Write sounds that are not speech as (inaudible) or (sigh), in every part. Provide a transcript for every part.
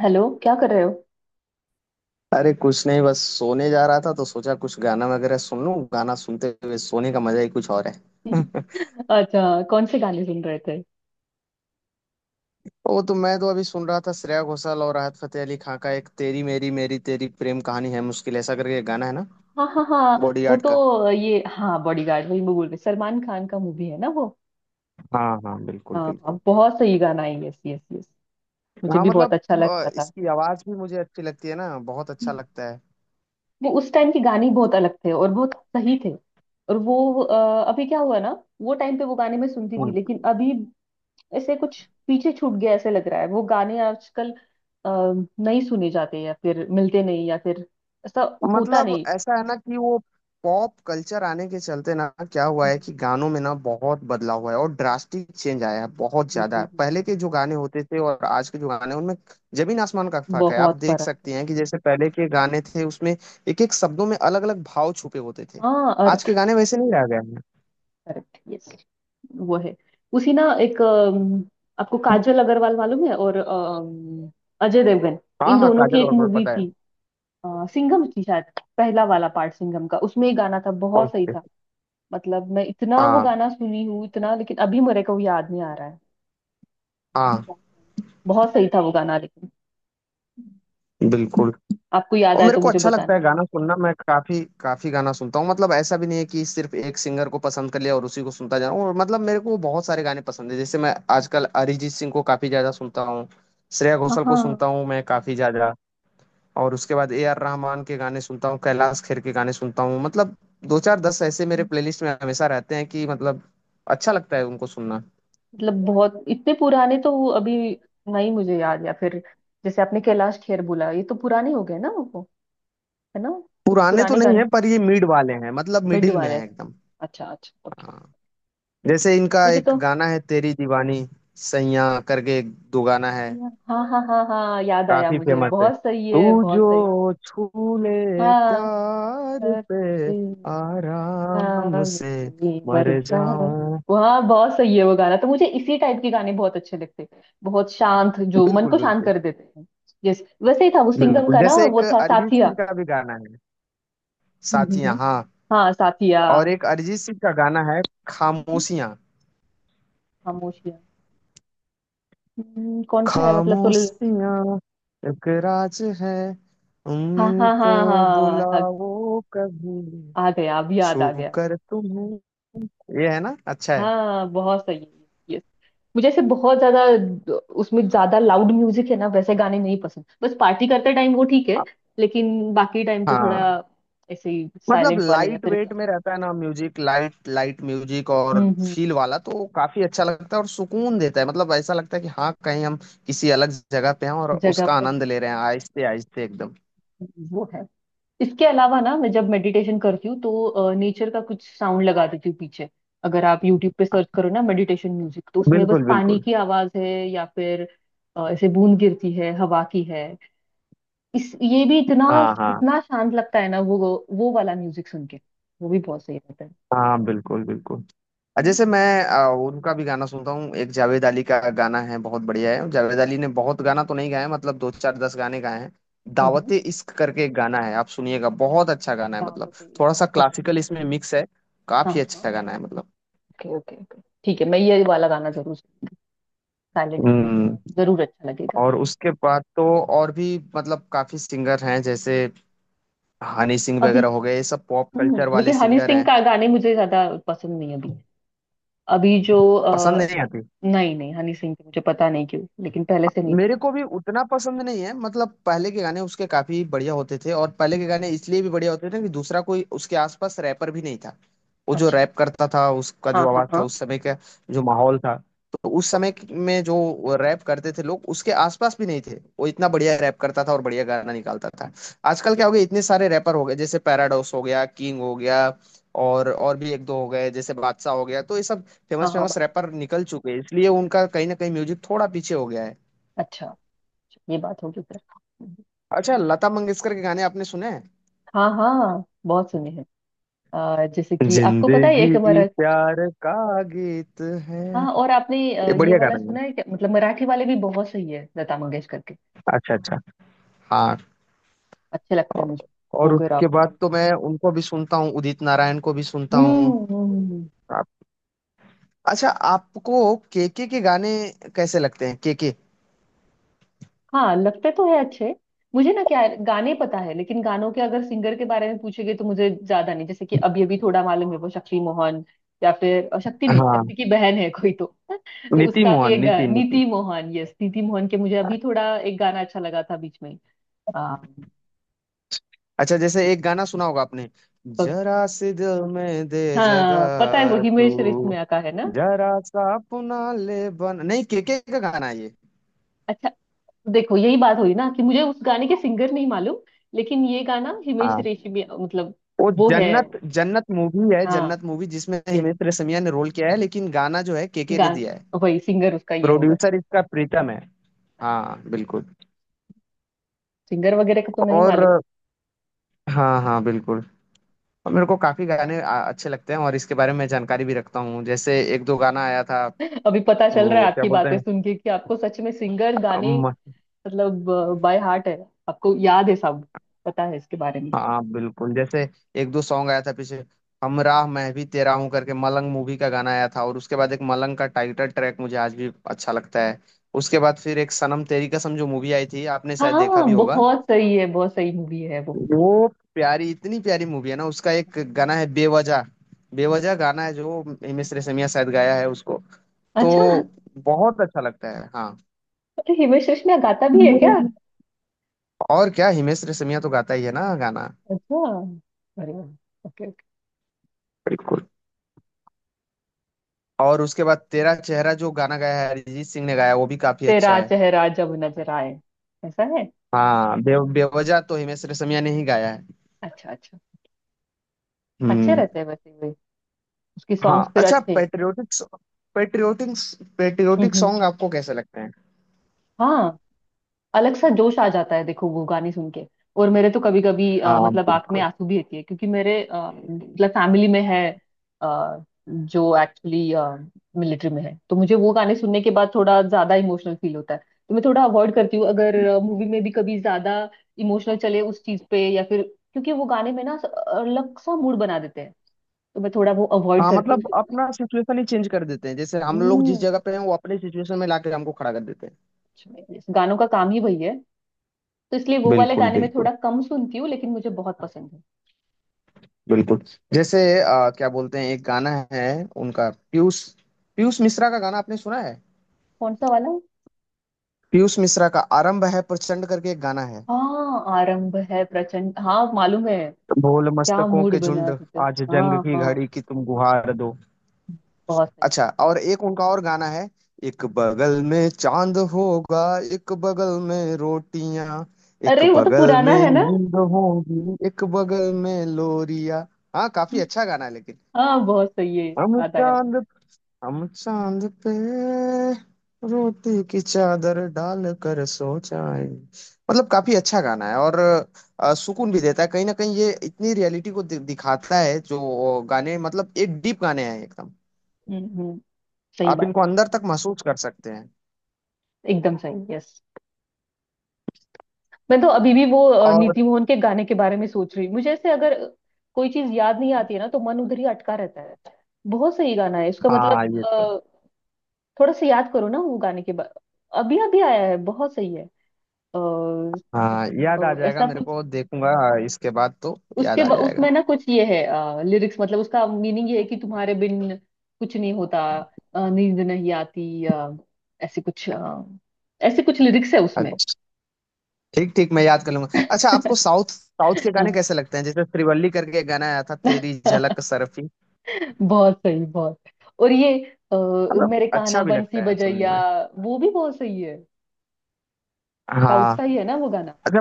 Hello, क्या कर रहे हो। अरे कुछ नहीं, बस सोने जा रहा था तो सोचा कुछ गाना वगैरह सुन लूं। गाना सुनते हुए सोने का मजा ही कुछ और है। (laughs) अच्छा, कौन से गाने सुन रहे थे। वो तो मैं तो अभी सुन रहा था श्रेया घोषाल और राहत फतेह अली खां का, एक तेरी मेरी मेरी तेरी प्रेम कहानी है मुश्किल ऐसा करके एक गाना है ना, हाँ हाँ हाँ। वो बॉडीगार्ड का। तो ये हाँ बॉडीगार्ड, वही मैं बोल रही, सलमान खान का मूवी है ना वो। हाँ हाँ, बिल्कुल हाँ हाँ, बिल्कुल। बहुत सही गाना है, यस यस यस। मुझे हाँ भी बहुत मतलब अच्छा लगता था। इसकी आवाज भी मुझे अच्छी लगती है ना, बहुत अच्छा लगता है। वो उस टाइम के गाने ही बहुत अलग थे और बहुत सही थे। और वो अभी क्या हुआ ना। वो टाइम पे वो गाने मैं सुनती थी, लेकिन अभी ऐसे कुछ पीछे छूट गया ऐसे लग रहा है, वो गाने आजकल अ, नहीं सुने जाते या फिर मिलते नहीं, या फिर ऐसा होता मतलब ऐसा है ना कि वो पॉप कल्चर आने के चलते ना क्या हुआ है कि नहीं। गानों में ना बहुत बदलाव हुआ है और ड्रास्टिक चेंज आया है बहुत हम्म, ज्यादा। हम्म, पहले हम्म। के जो गाने होते थे और आज के जो गाने हैं, उनमें जमीन आसमान का हम्म। फर्क है। आप बहुत देख फर्क सकती है। हैं कि जैसे पहले के गाने थे, उसमें एक एक शब्दों में अलग अलग भाव छुपे होते थे। हाँ, आज अर्थ। के गाने वैसे नहीं रह गए हैं। Correct, yes. वो है। उसी ना, एक आपको काजल अग्रवाल मालूम है। और अजय देवगन, हाँ इन हाँ, दोनों की काजल, एक और मूवी पता है। थी। सिंघम थी शायद। पहला वाला पार्ट सिंघम का, उसमें एक गाना था, बहुत सही ओके। था। मतलब मैं इतना वो हाँ गाना सुनी हूँ इतना, लेकिन अभी मेरे को वो याद नहीं आ रहा है। हाँ बहुत सही था वो गाना, लेकिन बिल्कुल। आपको याद और आए मेरे तो को मुझे अच्छा लगता बताना है भी। गाना सुनना। मैं काफी काफी गाना सुनता हूँ। मतलब ऐसा भी नहीं है कि सिर्फ एक सिंगर को पसंद कर लिया और उसी को सुनता जा रहा हूँ। और मतलब मेरे को बहुत सारे गाने पसंद है, जैसे मैं आजकल अरिजीत सिंह को काफी ज्यादा सुनता हूँ, श्रेया हाँ घोषाल को सुनता हाँ। हूँ मैं काफी ज्यादा। और उसके बाद ए आर रहमान के गाने सुनता हूँ, कैलाश खेर के गाने सुनता हूँ। मतलब दो चार दस ऐसे मेरे प्लेलिस्ट में हमेशा रहते हैं कि मतलब अच्छा लगता है उनको सुनना। मतलब बहुत इतने पुराने तो वो अभी नहीं मुझे याद, या फिर जैसे आपने कैलाश खेर बोला, ये तो पुराने हो गए ना वो, है ना। कुछ पुराने तो पुराने नहीं गाने। है पर ये मिड वाले हैं, मतलब मिड मिडिल में वाले है हैं। एकदम। अच्छा अच्छा, ओके। हाँ। जैसे इनका मुझे एक तो गाना है तेरी दीवानी, सैया करके एक दो गाना है, हाँ हाँ हाँ हाँ याद आया काफी मुझे, फेमस है। बहुत सही तू है, जो बहुत सही। छू ले हाँ, प्यार पे, हंसी, हाँ, आराम से हंसी मर मर जा। जाऊं। वहाँ बहुत सही है वो गाना, तो मुझे इसी टाइप के गाने बहुत अच्छे लगते हैं, बहुत शांत जो मन बिल्कुल को शांत बिल्कुल। कर देते हैं। यस, वैसे ही था वो सिंघम बिल्कुल, का ना, जैसे एक वो था अरिजीत साथिया। सिंह का भी गाना है, जी जी जी। साथियां, हाँ। हाँ, साथिया। और एक अरिजीत सिंह का गाना है हम्म, खामोशियां। खामोशिया। कौन सा है मतलब तो। खामोशियां एक राज है हाँ हाँ उनको, हाँ हाँ बुलाओ कभी, आ गया, अभी याद छू आ गया। कर तुम्हें, ये है ना, अच्छा है। हाँ, बहुत सही है, यस। मुझे ऐसे बहुत ज्यादा उसमें ज्यादा लाउड म्यूजिक है ना, वैसे गाने नहीं पसंद, बस पार्टी करते टाइम वो ठीक है। लेकिन बाकी टाइम तो थोड़ा हाँ ऐसे ही मतलब साइलेंट वाले या लाइट फिर वेट क्लास। में रहता है ना म्यूजिक, लाइट लाइट म्यूजिक। और हम्म हम्म फील हम्म, वाला तो काफी अच्छा लगता है और सुकून देता है। मतलब ऐसा लगता है कि हाँ कहीं हम किसी अलग जगह पे हैं और जगह उसका पे आनंद ले रहे हैं, आहिस्ते आहिस्ते एकदम। वो है। इसके अलावा ना मैं जब मेडिटेशन करती हूँ तो नेचर का कुछ साउंड लगा देती हूँ पीछे। अगर आप यूट्यूब पे सर्च करो ना मेडिटेशन म्यूजिक, तो उसमें बस बिल्कुल पानी बिल्कुल। की आवाज है या फिर ऐसे बूंद गिरती है, हवा की है। इस ये भी इतना हाँ हाँ। इतना शांत लगता है ना वो वाला म्यूजिक सुन के वो भी बहुत सही रहता है। हाँ बिल्कुल बिल्कुल। हम्म जैसे मैं उनका भी गाना सुनता हूँ, एक जावेद अली का गाना है, बहुत बढ़िया है। जावेद अली ने बहुत गाना तो नहीं गाया, मतलब दो चार दस गाने गाए हैं। हम्म, दावते इश्क करके एक गाना है, आप सुनिएगा, बहुत अच्छा गाना है। क्या मतलब होते हैं? थोड़ा सा ओके। क्लासिकल इसमें मिक्स है, हाँ काफी हाँ हाँ। अच्छा गाना है मतलब। ओके ओके ओके, ठीक है, मैं ये वाला गाना जरूर, साइलेंट है तो मुझे हम्म। जरूर अच्छा लगेगा। और उसके बाद तो और भी मतलब काफी सिंगर हैं, जैसे हनी सिंह अभी वगैरह हो गए, ये सब पॉप कल्चर हम्म, वाले लेकिन हनी सिंगर सिंह हैं। का गाने मुझे ज्यादा पसंद नहीं है। अभी अभी जो पसंद नहीं आती। नहीं नहीं, हनी सिंह की मुझे पता नहीं क्यों लेकिन पहले से नहीं मेरे पसंद। को भी उतना पसंद नहीं है, मतलब पहले के गाने उसके काफी बढ़िया होते थे। और पहले के हम्म। गाने इसलिए भी बढ़िया होते थे कि दूसरा कोई उसके आसपास रैपर भी नहीं था। वो जो अच्छा, रैप करता था, उसका हाँ जो हाँ आवाज था हाँ। उस समय का, जो माहौल था, तो उस समय ओके, में जो रैप करते थे लोग, उसके आसपास भी नहीं थे। वो इतना बढ़िया रैप करता था और बढ़िया गाना निकालता था। आजकल क्या हो गया, इतने सारे रैपर हो गए, जैसे पैराडॉक्स हो गया, किंग हो गया, और भी एक दो हो गए, जैसे बादशाह हो गया। तो ये सब हाँ फेमस हाँ, फेमस बात रैपर निकल चुके हैं, इसलिए उनका कहीं ना कहीं म्यूजिक थोड़ा पीछे हो गया है। अच्छा। अच्छा, ये बात होगी फिर। हम्म। अच्छा, लता मंगेशकर के गाने आपने सुने हैं? हाँ हाँ, बहुत सुने हैं। जैसे कि आपको पता है एक जिंदगी हमारा, प्यार का गीत है, हाँ। और आपने ये ये बढ़िया वाला गाना है। सुना है क्या, मतलब मराठी वाले भी बहुत सही है लता मंगेशकर के, अच्छा अच्छा, हाँ। अच्छे लगते हैं और मुझे। और मोगरा उसके बाद फूल। तो मैं उनको भी सुनता हूँ, उदित नारायण को भी सुनता हम्म हूँ। हम्म, हम्म। आप- अच्छा, आपको केके के गाने कैसे लगते हैं, केके? हाँ, लगते तो है अच्छे। मुझे ना क्या है, गाने पता है, लेकिन गानों के अगर सिंगर के बारे में पूछेंगे तो मुझे ज्यादा नहीं। जैसे कि अभी अभी थोड़ा मालूम है, वो शक्ति मोहन, या फिर शक्ति नहीं, हाँ। शक्ति की बहन है कोई तो (laughs) तो नीति उसका भी मोहन, एक नीति नीति नीति मोहन, यस, नीति मोहन के मुझे अभी थोड़ा एक गाना अच्छा लगा था बीच में। आ, अच्छा जैसे एक गाना सुना होगा आपने, कौन सा? जरा सी दिल में दे हाँ, पता है, वो जगह हिमेश तू, रेशमिया का है ना। जरा सा अपना ले बन, नहीं, केके का गाना है ये। अच्छा, देखो यही बात हुई ना कि मुझे उस गाने के सिंगर नहीं मालूम, लेकिन ये गाना हिमेश रेशमिया मतलब, वो वो है। जन्नत, जन्नत मूवी है, हाँ, जन्नत मूवी जिसमें yes, हिमेश रेशमिया ने रोल किया है, लेकिन गाना जो है केके ने गान, दिया है। वही सिंगर उसका ये होगा। प्रोड्यूसर इसका प्रीतम है। अच्छा, हाँ बिल्कुल। सिंगर वगैरह का तो नहीं मालूम। और हाँ हाँ बिल्कुल। और मेरे को काफी गाने अच्छे लगते हैं, और इसके बारे में जानकारी भी रखता हूँ। जैसे एक दो गाना आया था, (laughs) अभी पता चल रहा है वो क्या आपकी बोलते बातें सुन के कि आपको सच में सिंगर गाने हैं। मतलब बाय हार्ट है, आपको याद है सब, पता है इसके बारे में। हाँ बिल्कुल, जैसे एक दो सॉन्ग आया था पीछे, हमराह मैं भी तेरा हूँ करके, मलंग मूवी का गाना आया था। और उसके बाद एक मलंग का टाइटल ट्रैक मुझे आज भी अच्छा लगता है। उसके बाद फिर एक सनम तेरी कसम जो मूवी आई थी, आपने शायद देखा हाँ, भी होगा बहुत सही है, बहुत सही मूवी है वो। वो, प्यारी, इतनी प्यारी मूवी है ना। उसका एक गाना है बेवजह, बेवजह गाना है जो हिमेश हाँ। रेशमिया शायद गाया है उसको। तो अच्छा, बहुत अच्छा लगता है। हाँ अरे हिमेश रेशमिया गाता भी है क्या। और क्या, हिमेश रेशमिया तो गाता ही है ना गाना। अच्छा, अरे, ओके ओके। बिल्कुल। और उसके बाद तेरा चेहरा जो गाना गाया है, अरिजीत सिंह ने गाया, वो भी काफी अच्छा तेरा है। चेहरा जब नजर आए, ऐसा है। हाँ बेवजह तो हिमेश रेशमिया ने ही गाया है। अच्छा अच्छा। अच्छे हम्म। रहते हैं वैसे भी, उसकी हाँ, सॉन्ग्स फिर अच्छा। अच्छे हैं तो। पेट्रियोटिक, पेट्रियोटिक पेट्रियोटिक हम्म। सॉन्ग आपको कैसे लगते हैं? हाँ, अलग सा जोश आ जाता है, देखो वो गाने सुन के। और मेरे तो कभी कभी हाँ मतलब आंख में बिल्कुल। आंसू भी रहती है, क्योंकि मेरे मतलब फैमिली में है, जो एक्चुअली मिलिट्री में है, तो मुझे वो गाने सुनने के बाद थोड़ा ज्यादा इमोशनल फील होता है, तो मैं थोड़ा अवॉइड करती हूँ, अगर मूवी में भी कभी ज्यादा इमोशनल चले उस चीज पे, या फिर क्योंकि वो गाने में ना अलग सा मूड बना देते हैं, तो मैं थोड़ा वो अवॉइड हाँ करती हूँ मतलब सुनना। अपना सिचुएशन ही चेंज कर देते हैं, जैसे हम लोग जिस हम्म। जगह पे हैं, वो अपने सिचुएशन में लाके हमको खड़ा कर देते हैं। अच्छा, गानों का काम ही वही है, तो इसलिए वो वाले बिल्कुल गाने में थोड़ा बिल्कुल। कम सुनती हूँ, लेकिन मुझे बहुत पसंद है। बिल्कुल, जैसे क्या बोलते हैं, एक गाना है उनका, पीयूष, पीयूष मिश्रा का गाना आपने सुना है? कौन सा वाला। पीयूष मिश्रा का आरंभ है प्रचंड करके एक गाना है, हाँ, आरंभ है प्रचंड, हाँ मालूम है। भोल क्या मस्तकों मूड के झुंड, बना देते। आज जंग हाँ की घड़ी हाँ, की तुम गुहार दो। बहुत सही है। अच्छा, और एक उनका और गाना है, एक बगल में चांद होगा, एक बगल में रोटियां, एक अरे, वो तो बगल पुराना में है ना। नींद होगी, एक बगल में लोरिया। हाँ काफी अच्छा गाना है लेकिन। हाँ, बहुत सही है, हम याद आया चांद मुझे। हम चांद पे रोटी की चादर डाल कर सो जाए, मतलब काफी अच्छा गाना है। और सुकून भी देता है कहीं ना कहीं। ये इतनी रियलिटी को दिखाता है जो गाने, मतलब एक डीप गाने हैं एकदम, हम्म, सही आप बात इनको बोली। अंदर तक महसूस कर सकते हैं। एकदम सही, यस। मैं तो अभी भी वो और नीति मोहन के गाने के बारे में सोच रही हूँ, मुझे ऐसे अगर कोई चीज याद नहीं आती है ना तो मन उधर ही अटका रहता है। बहुत सही गाना है इसका, मतलब हाँ ये तो। थोड़ा सा याद करो ना वो गाने के बा... अभी अभी आया है, बहुत सही है। अ, हाँ अ, याद आ जाएगा, ऐसा मेरे कुछ, को देखूंगा। इसके बाद तो याद आ जाएगा। उसमें ना कुछ ये है, लिरिक्स मतलब उसका मीनिंग ये है कि तुम्हारे बिन कुछ नहीं होता, नींद नहीं आती, ऐसे कुछ, ऐसे कुछ लिरिक्स है उसमें। अच्छा ठीक ठीक, मैं याद कर लूंगा। अच्छा आपको साउथ, साउथ के गाने कैसे लगते हैं? जैसे श्रीवल्ली करके एक गाना आया था, तेरी झलक (laughs) सरफी। बहुत सही, बहुत। और ये अ, मतलब मेरे कान्हा अच्छा भी बंसी लगता है सुनने बजैया, में। वो भी बहुत सही है। साउथ हाँ। का ही है ना वो गाना। अच्छा,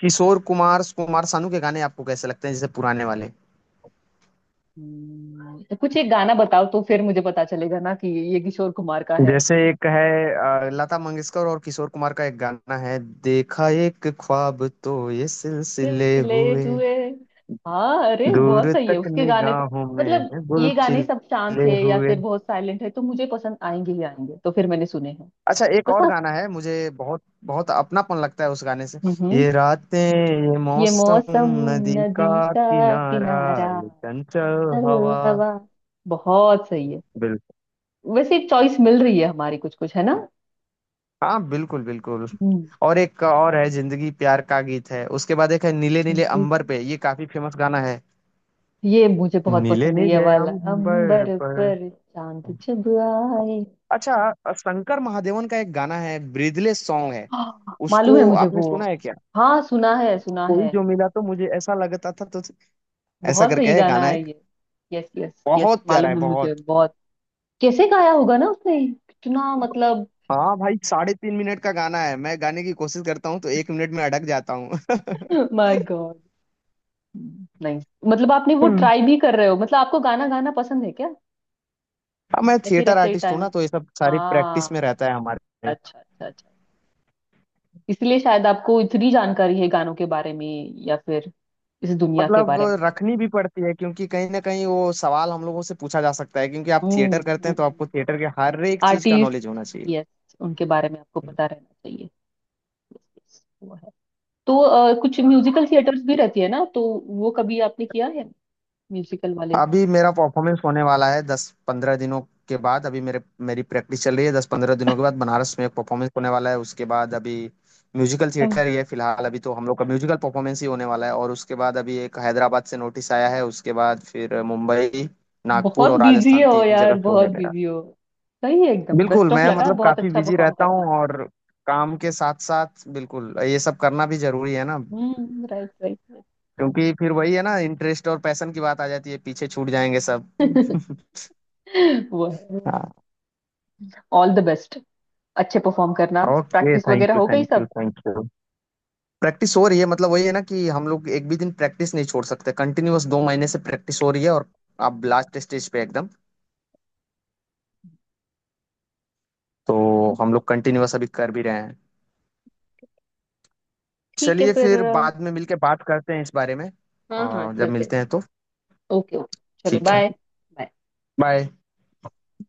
किशोर कुमार, कुमार सानू के गाने आपको कैसे लगते हैं, जैसे पुराने वाले? तो कुछ एक गाना बताओ, तो फिर मुझे पता चलेगा ना कि ये किशोर कुमार का है। जैसे एक है लता मंगेशकर और किशोर कुमार का एक गाना है, देखा एक ख्वाब तो ये सिलसिले सिलसिले हुए, हुए। हाँ, अरे बहुत दूर सही है तक उसके गाने तो। निगाहों में है मतलब गुल ये गाने सब शांत खिले है या हुए। फिर बहुत साइलेंट है, तो मुझे पसंद आएंगे ही आएंगे, तो फिर मैंने सुने हैं अच्छा, एक बस, और हाँ। गाना है, मुझे बहुत बहुत अपनापन लगता है उस गाने से, हम्म, ये रातें ये ये मौसम, मौसम, नदी नदी, का का, किनारा, किनारा, ये चंचल चंचल हवा। हवा, बहुत सही है। वैसे चॉइस मिल रही है हमारी, कुछ कुछ है ना। हाँ बिल्कुल बिल्कुल। हम्म, और एक और है जिंदगी प्यार का गीत है। उसके बाद एक है नीले नीले हम्म, अंबर पे, ये काफी फेमस गाना है। ये मुझे बहुत नीले पसंद है, ये नीले वाला अंबर अंबर पर। पर चांद जब आए। अच्छा, शंकर महादेवन का एक गाना है, ब्रीदले सॉन्ग है हाँ, मालूम उसको, है मुझे आपने वो। सुना है क्या? हाँ, सुना है सुना कोई है। जो मिला तो मुझे ऐसा लगता था, तो ऐसा बहुत करके सही है गाना गाना है एक। ये। यस यस यस, बहुत प्यारा है, मालूम है मुझे, बहुत। बहुत। कैसे गाया होगा ना उसने, कितना मतलब। हाँ भाई, 3.5 मिनट का गाना है, मैं गाने की कोशिश करता हूँ तो 1 मिनट में अटक जाता हूँ। (laughs) (laughs) My God. नहीं, मतलब आपने वो ट्राई भी कर रहे हो, मतलब आपको गाना गाना पसंद है क्या, हाँ मैं या फिर थिएटर ऐसे ही आर्टिस्ट हूँ टाइम। ना, तो ये सब आ, सारी प्रैक्टिस में रहता है हमारे। अच्छा अच्छा अच्छा, इसलिए शायद आपको इतनी जानकारी है गानों के बारे में, या फिर इस दुनिया के मतलब बारे में। रखनी भी पड़ती है, क्योंकि कहीं ना कहीं वो सवाल हम लोगों से पूछा जा सकता है। क्योंकि आप थिएटर हम्म करते हैं तो हम्म। आपको थिएटर के हर एक चीज का आर्टिस्ट, नॉलेज होना चाहिए। यस, उनके बारे में आपको पता रहना चाहिए, वो है। तो कुछ म्यूजिकल थिएटर्स भी रहती है ना, तो वो कभी आपने किया है, म्यूजिकल वाले। अभी मेरा परफॉर्मेंस होने वाला है 10-15 दिनों के बाद। अभी मेरे मेरी प्रैक्टिस चल रही है, 10-15 दिनों के बाद बनारस में एक परफॉर्मेंस होने वाला है। उसके बाद अभी म्यूजिकल तब थिएटर ही है फिलहाल, अभी तो हम लोग का म्यूजिकल परफॉर्मेंस ही होने वाला है। और उसके बाद अभी एक हैदराबाद से नोटिस आया है। उसके बाद फिर मुंबई, नागपुर बहुत और बिजी राजस्थान, हो तीन जगह यार, शो बहुत है मेरा। बिजी हो। सही है, एकदम बिल्कुल, बेस्ट ऑफ मैं लगा, मतलब बहुत काफी अच्छा बिजी परफॉर्म रहता हूँ। करना। और काम के साथ साथ बिल्कुल ये सब करना भी जरूरी है ना, हम्म, राइट। क्योंकि फिर वही है ना, इंटरेस्ट और पैशन की बात आ जाती है, पीछे छूट जाएंगे सब। (laughs) राइट, (laughs) वो है। हाँ। ऑल द बेस्ट, अच्छे परफॉर्म करना। ओके, प्रैक्टिस थैंक वगैरह यू हो गई थैंक यू सब। Thank you. प्रैक्टिस हो रही है, मतलब वही है ना कि हम लोग एक भी दिन प्रैक्टिस नहीं छोड़ सकते। कंटिन्यूअस 2 महीने से प्रैक्टिस हो रही है और अब लास्ट स्टेज पे एकदम। तो हम लोग कंटिन्यूअस अभी कर भी रहे हैं। ठीक है चलिए फिर फिर बाद में मिलके बात करते हैं इस बारे में, हाँ हाँ, और जब चलते। मिलते हैं तो। ओके ओके, चलो ठीक है, बाय। बाय।